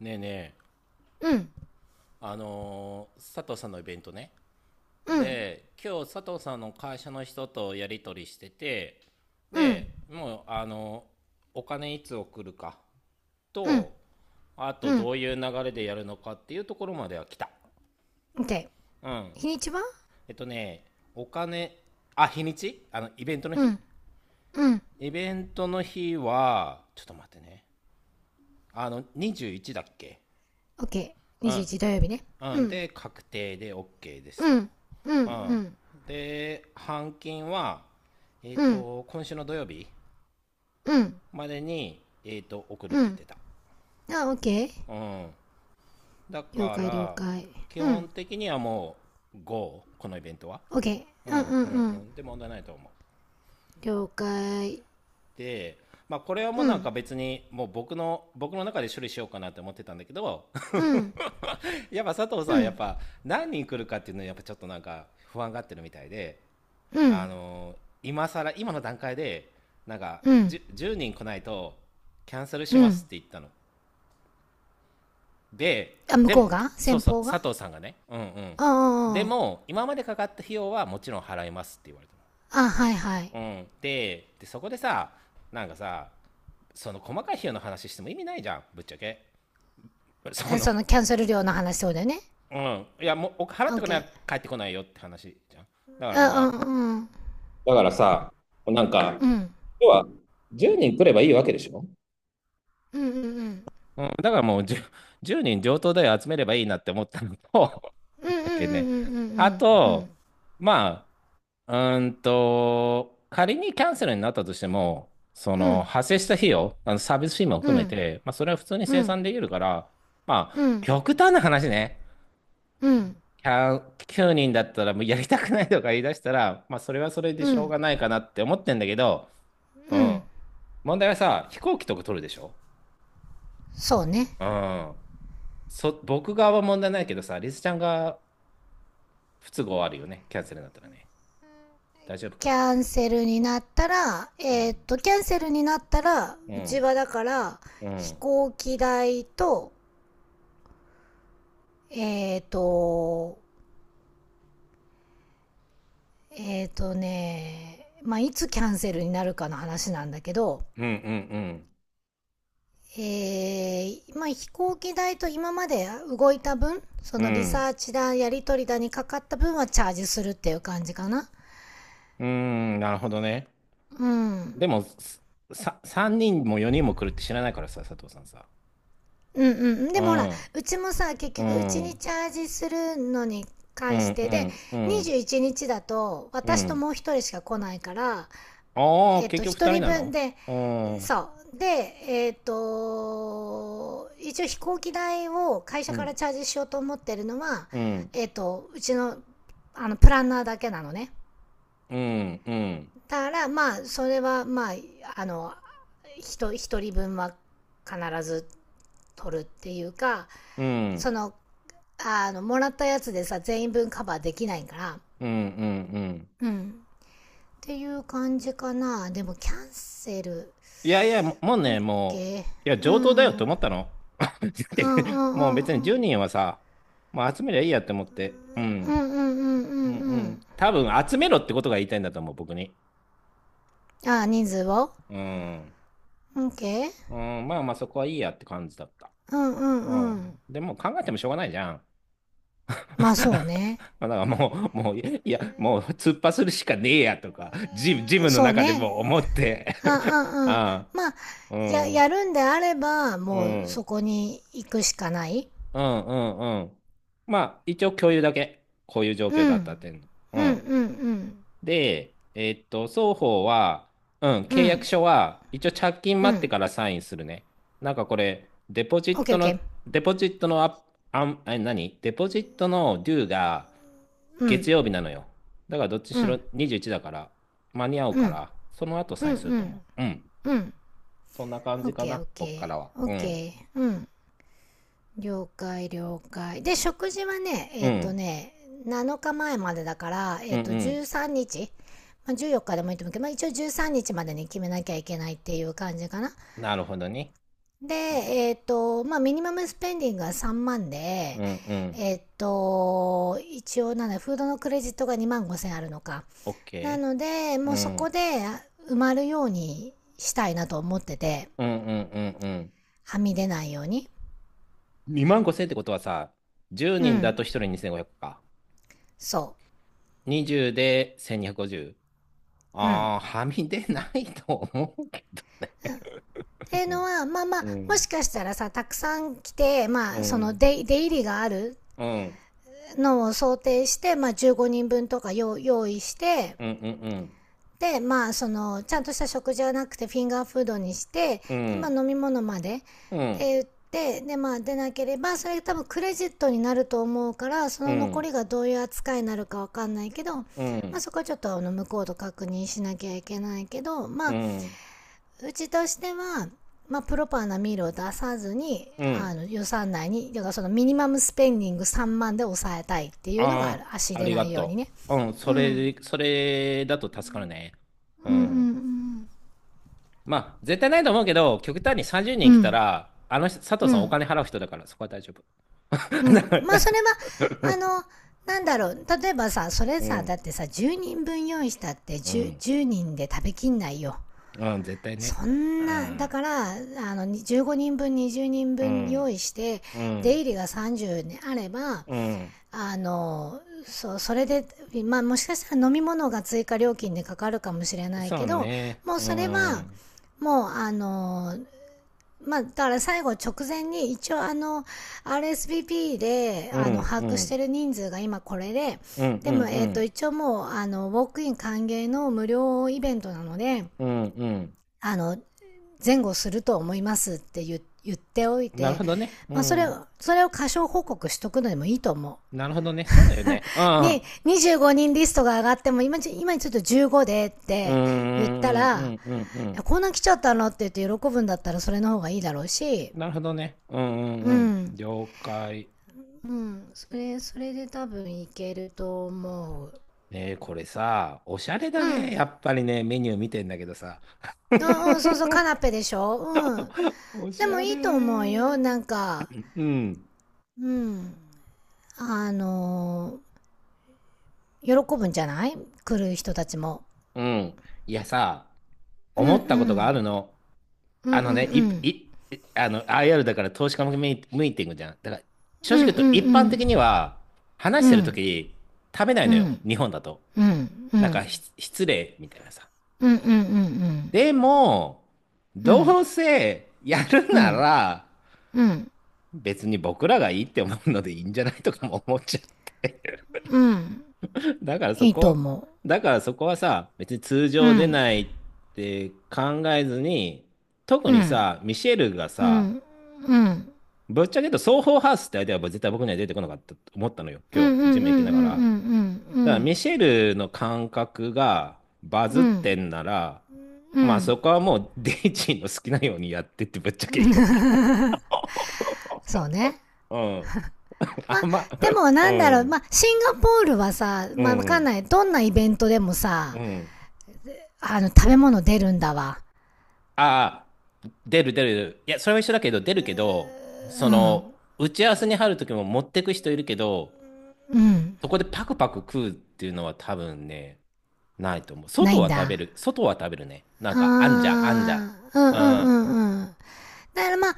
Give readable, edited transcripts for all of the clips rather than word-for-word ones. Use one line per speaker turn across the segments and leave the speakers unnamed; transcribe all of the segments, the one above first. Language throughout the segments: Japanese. ねえねえ、
うん、
佐藤さんのイベントね。
うん、
で、今日佐藤さんの会社の人とやり取りしてて、
うん、
でもうお金いつ送るか
うん、
と、あと
うん。
どういう流れでやるのかっていうところまでは来た。
OK。
うん。
日にちは？
ね、お金、あ、日にち、あの
うん、うん。
イベントの日はちょっと待ってね。あの21だっけ。
OK。
うん
21土曜日ね。
う
う
ん、
ん、
で、確定で OK です
うん、う
と。
ん、う
うん。
ん、
で、半金は、
うん、
今週の土曜日
うん、
までに、送るっ
う
て言っ
ん。
てた。
あ、OK。
うん。だ
了
か
解、了
ら、
解。
基
うん。
本的にはもう GO、このイベントは。
OK。
う
うん、
ん
うん、
うん
う
う
ん。
ん。で、問題ないと思う。
了解。
で、まあ、これはもう
う
なん
ん、
か別に、もう僕の中で処理しようかなって思ってたんだけど、
うん、
やっぱ佐藤さん
う
はやっ
ん、
ぱ何人来るかっていうのはやっぱちょっとなんか不安がってるみたいで、
う
あ
ん、
の今更今の段階でなんか
うん、
10, 人来ないとキャンセルし
う
ます
ん。
って言ったの。
あ、向
でも、
こうが
そう
先
そう、
方が。
佐藤さんがね、うんうん。で
あ
も今までかかった費用はもちろん払いますって言われた
あ、あ、はいはい。
の。うん。でそこでさ、なんかさ、その細かい費用の話しても意味ないじゃん、ぶっちゃけ。そ
え、
の、
そのキャンセル料の話、そうだよね。
うん、いやもうお払ってこな
OK。
い帰ってこないよって話じゃん。だから、
あ、
ま
うん、
あ、
うん。
だからさ、なんか、
うん、
要は10人来ればいいわけでしょ。
うん。うん。うん
うん。だからもう10、人上等だよ、集めればいいなって思ったのと、
うんう ん。
だ
う
けね。あ
んうん
と、まあ、仮にキャンセルになったとしても、そ
う
の
ん
派生した費用、あのサービス費も
う
含
んう
め
ん
て、まあ、それは普通に生
うん
産できるから。ま
う
あ、
ん
極端な話ね、
うん
キャン9人だったらもうやりたくないとか言い出したら、まあ、それはそれで
う
しょう
ん
がないかなって思ってんだけど、う
う
ん。
ん。
問題はさ、飛行機とか取るでしょ。
そうね。
うん。僕側は問題ないけどさ、リスちゃんが不都合あるよね。キャンセルになったらね。大丈夫か
キ
な。
ャンセルになったら、
うん。
キャンセルになったら
う
うち
ん。
はだから
う
飛
ん。
行機代と、えーっとまあ、いつキャンセルになるかの話なんだけど、
うん。うん。うん。
まあ、飛行機代と今まで動いた分、そ
う
のリ
ん。
サーチだ、やり取りだにかかった分はチャージするっていう感じかな。
うん。なるほどね。
うん。うん
でも、さ、3人も4人も来るって知らないからさ、佐藤さんさ。
うん。
う
でもほら、
ん。
うちもさ、結
う
局う
ん。
ち
う
に
ん。
チャージするのに
う
関してで、
ん。うん。
21日だと
う
私と
ん。
もう一人しか来ないから、
ああ、結局
一
2人
人
な
分
の。
で、
うん。
そうで、一応飛行機代を会社
う
から
ん。
チャージしようと思ってるのは、
うん。
うちのあのプランナーだけなのね。
うん。うん。
だからまあ、それはまあ、あの 1, ひと一人分は必ず取るっていうか、
うん。う
そ
ん。
の、あのもらったやつでさ、全員分カバーできないから。
うん。うん。
うん、っていう感じかな。でもキャンセル。
いやいや、もうね、もう、
OK。
いや、
う
上等だよ
んう
と
ん
思ったの。だっ
う
て
んう
もう
ん
別に
うん
10人はさ、もう集めりゃいいやって思って。う
うんう
ん。
んうんう
うん
ん
う
う
ん。
ん。
多分集めろってことが言いたいんだと思う、僕に。
ああ、人数を
うん。
?OK?
うん、まあまあそこはいいやって感じだった。
うんうん
う
うん。
ん。でも考えてもしょうがないじゃん。
まあそうね。
まあだからもう、いや、もう突破するしかねえやとか、ジムの
そう
中で
ね。
もう思って。
あ、う んうん。あ、
あ
まあ、
あ、う
や、や
ん、
るんであれば、
う
もう
ん。
そこに行くしかない。
うんうんうん。まあ、一応共有だけ。こういう状
う
況
ん。う
だったっ
ん
ていうの。う
うんう
ん。
ん。
で、双方は、うん、
う
契約
ん。
書は、一応着金
う
待って
ん。
からサインするね。なんかこれ、
OK OK。
デポジットのア、あん、あ、何デポジットのデューが
う
月
ん。
曜日なのよ。だからどっち
う
しろ
ん。
21だから、間に合う
う
か
ん。
ら、その後
う
サ
ん
インする
う
と
ん。
思う。うん。
うん。
そんな感じか
OK
な、僕か
OK。
らは。うん。
OK。うん。了解了解。で、食事はね、
うん。
7日前までだから、
うんうん。
13日、まあ、14日でもいいと思うけど、まあ、一応13日までに決めなきゃいけないっていう感じかな。
なるほどね。
で、
ね、
まあ、ミニマムスペンディングが3万で、
うんうん。
一応なんだ、フードのクレジットが2万5千あるのか。な
OK。
ので、も
う
うそこ
ん。
で埋まるようにしたいなと思ってて、
うんうんうんうん。
はみ出ないように。
2万5000ってことはさ、10
う
人だ
ん、
と1人2500か。
そ
20で1250。
う。うん。
ああ、はみ出ないと思うけ
っ
ど。
ていう
う
の
ん。
は、まあま
う
あ、もし
ん。
かしたらさ、たくさん来て、
う
まあ、その
ん。
出出入りがある
うん
のを想定して、まあ、15人分とか用用意して、
うんうん。
で、まあ、その、ちゃんとした食事はなくて、フィンガーフードにして、
う
でまあ、
ん。
飲み物まで、っ
うん。
て言って、で、まあ、出なければ、それ多分クレジットになると思うから、そ
う
の残
ん。
りがどういう扱いになるかわかんないけど、ま
う
あ、そこはちょっとあの向こうと確認しなきゃいけないけど、まあ、
ん。
うちとしては、まあ、プロパーなミールを出さずに、
う
あ
ん。
の、予算内に、だからそのミニマムスペンディング3万で抑えたいっていうの
あ
がある。足
あー、あ
出
り
な
が
いように
と
ね。
う。うん。
うん。うん
それだと助かるね。う
う
ん。
ん
まあ、絶対ないと思うけど、極端に30
う
人
ん。う
来た
ん。
ら、あの人、佐藤
う
さんお
ん。
金払う人だから、そこは大丈夫。
う ん。
なんか、
ま
な
あ、
ん
そ
か、
れは、あの、なんだろう、例えばさ、それ
う
さ、だ
ん、
ってさ、10人分用意したって
う
10
ん、
人で食べきんないよ。
うん、絶対ね。
そ
う
んな、だ
ん、
から、あの、15人分、20人
う
分用
ん、
意して、
う
出
ん、
入りが30ね、あれば、
うん、
あの、そう、それで、まあ、もしかしたら飲み物が追加料金でかかるかもしれない
そ
け
う
ど、
ね。
もう
う
それ
ん、う
は、
ん、
もうあの、まあだから最後直前に一応あの、RSVP で、
う
あの、
ん、
把
う
握して
ん、
る人数が今これで、
う
でも
ん、
一応もうあの、ウォークイン歓迎の無料イベントなので、
うん、うん、
あの、前後すると思いますって言っておい
なる
て、
ほどね。う
まあそれ
ん、
を、それを過小報告しとくのでもいいと思う。
なるほどね。そうだよね。うん、うん、
に、25人リストが上がっても、今ちょっと15でっ
うん、
て言った
うん、
ら、
うん、うん、
こんな来ちゃったのって言って喜ぶんだったらそれの方がいいだろうし。
なるほどね。うん、うん、
う
うん、
ん。
了解。
うん。それで多分いけると思う。
ねえ、これさ、おしゃれだ
う
ね。
ん。
やっぱりね、メニュー見てんだけどさ。
あ、うん、そうそう、カナ ペでしょ。うん。
おし
でも
ゃ
いいと思
れ
うよ。な
ー。
んか、
うん、
うん、あのー喜ぶんじゃない、来る人たちも。
うん。いやさ、
うん
思
う
ったことがあ
ん。
るの。
うんう
あの
ん
ね、
うん。
あの、IR だから投資家向けミーティングじゃん。だから、正
うん
直
うん
言うと
う
一般
ん。
的には、
う
話してると
ん。
き、食べない
う
のよ。
ん。
日本だと。
うん、う
なんか、
ん。
失礼みたいなさ。
うん、うん、うん、うん。
でも、
うん、
どうせやる
う
な
ん、
ら、
うん、
別に僕らがいいって思うのでいいんじゃないとかも思っちゃ
うん。
う。
いいと思
だからそこはさ、別に通
う。う
常出
ん、
ないって考えずに、特
う
に
ん、
さ、ミシェルが
う
さ、
ん、うん。
ぶっちゃけ言うとソーホーハウスって相手は絶対僕には出てこなかったと思ったのよ、
うん、
今
う
日、
ん、うん、う
ジ
ん、
ム
う
行きながら。だからミ
ん、
シェルの感覚がバズ
う
っ
ん、うん、
てんなら、
う
まあ
ん。
そこはもうデイジーの好きなようにやってってぶっちゃけ言うよ。
そうね。
うん。
まあ、
あんま、
でも
う
なんだろう、
ん。
まあ、シンガポールはさ、
う
まあ、わかん
ん。
ない。どんなイベントでもさ、
うん。
あの、食べ物出るんだわ。
ああ、出る出る出る。いや、それは一緒だけど、出るけど、そ
う
の、
ん、
打ち合わせに入るときも持ってく人いるけど、
うん。
そこでパクパク食うっていうのは多分ね、ないと思う。
な
外
いん
は食べ
だ。
る。外は食べるね。なんか、あんじゃん、あんじゃん。
あー、うん、うん、う
あ
ん、うん。だからまあ、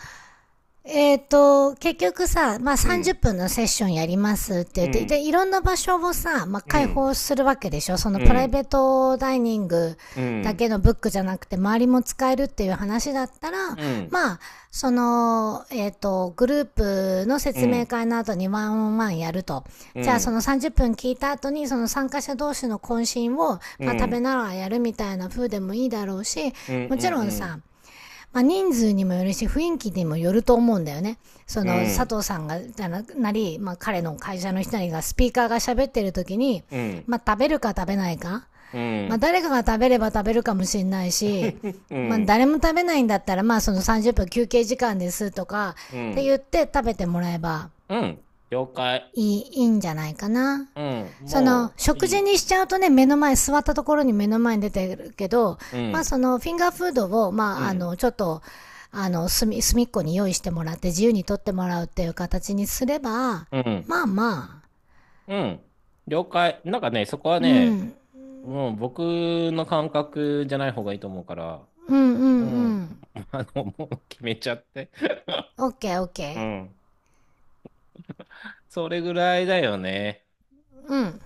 結局さ、まあ、
ー、う
30
ん、
分のセッションやりますって言
う
って、
ん、
で、いろんな場所をさ、まあ、
う
開
ん、
放するわけでしょ、その
う
プライ
ん、
ベートダイニング
う
だ
ん、
けのブックじゃなくて、周りも使えるっていう話だったら、
うん、うん、
まあ、その、グループの
う
説明
ん、
会の後にワンオンワンやると。
う
じゃあ、そ
ん、
の30分聞いた後に、その参加者同士の懇親を、
うん、
まあ、食
う
べ
ん、
ながらやるみたいな風でもいいだろうし、
うん、う
もちろん
ん、
さ、まあ、人数にもよるし、雰囲気にもよると思うんだよね。そ
うん、
の、
う
佐
ん、
藤さんが、ななり、まあ、彼の会社の人にが、スピーカーが喋ってる時に、
うん、
まあ、食べるか食べないか。まあ、誰かが食べれば食べるかもしれないし、まあ、誰も食べないんだったら、まあ、その30分休憩時間ですとか、
う
って
ん、
言って食べてもらえば、
うん、了解。
いいんじゃないかな。
うん、
その、
もうい
食
いよ。
事にしちゃうとね、目の前、座ったところに目の前に出てるけど、
う
まあ
ん、
その、フィンガーフードを、
う
まあ、あ
ん、
の、ちょっと、あの、隅っこに用意してもらって、自由に取ってもらうっていう形にすれば、
うん、
まあまあ。
うん。了解。なんかね、そこは
う
ね、
ん、
もう僕の感覚じゃない方がいいと思うから、
うんうん
う
う
ん、
ん。
あの、もう決めちゃって。
オッケーオッ
う
ケ
ん。それぐらいだよね。
ー。うん。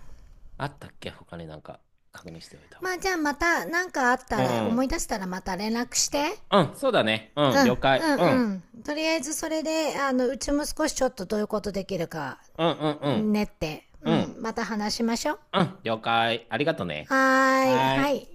あったっけ他になんか確認しておいた方
まあ、じゃあまた、なんかあったら、
が。う
思い
ん。
出したらまた連絡して。
うん、そうだね。う
う
ん、
ん、う
了解。う
ん
ん。
うん。とりあえずそれで、あの、うちも少しちょっとどういうことできるか
うん、うん、うん。
ねって。う
うん、
ん。また話しましょう。
うん、了解。ありがとね。
はーい。
はー
は
い。
い。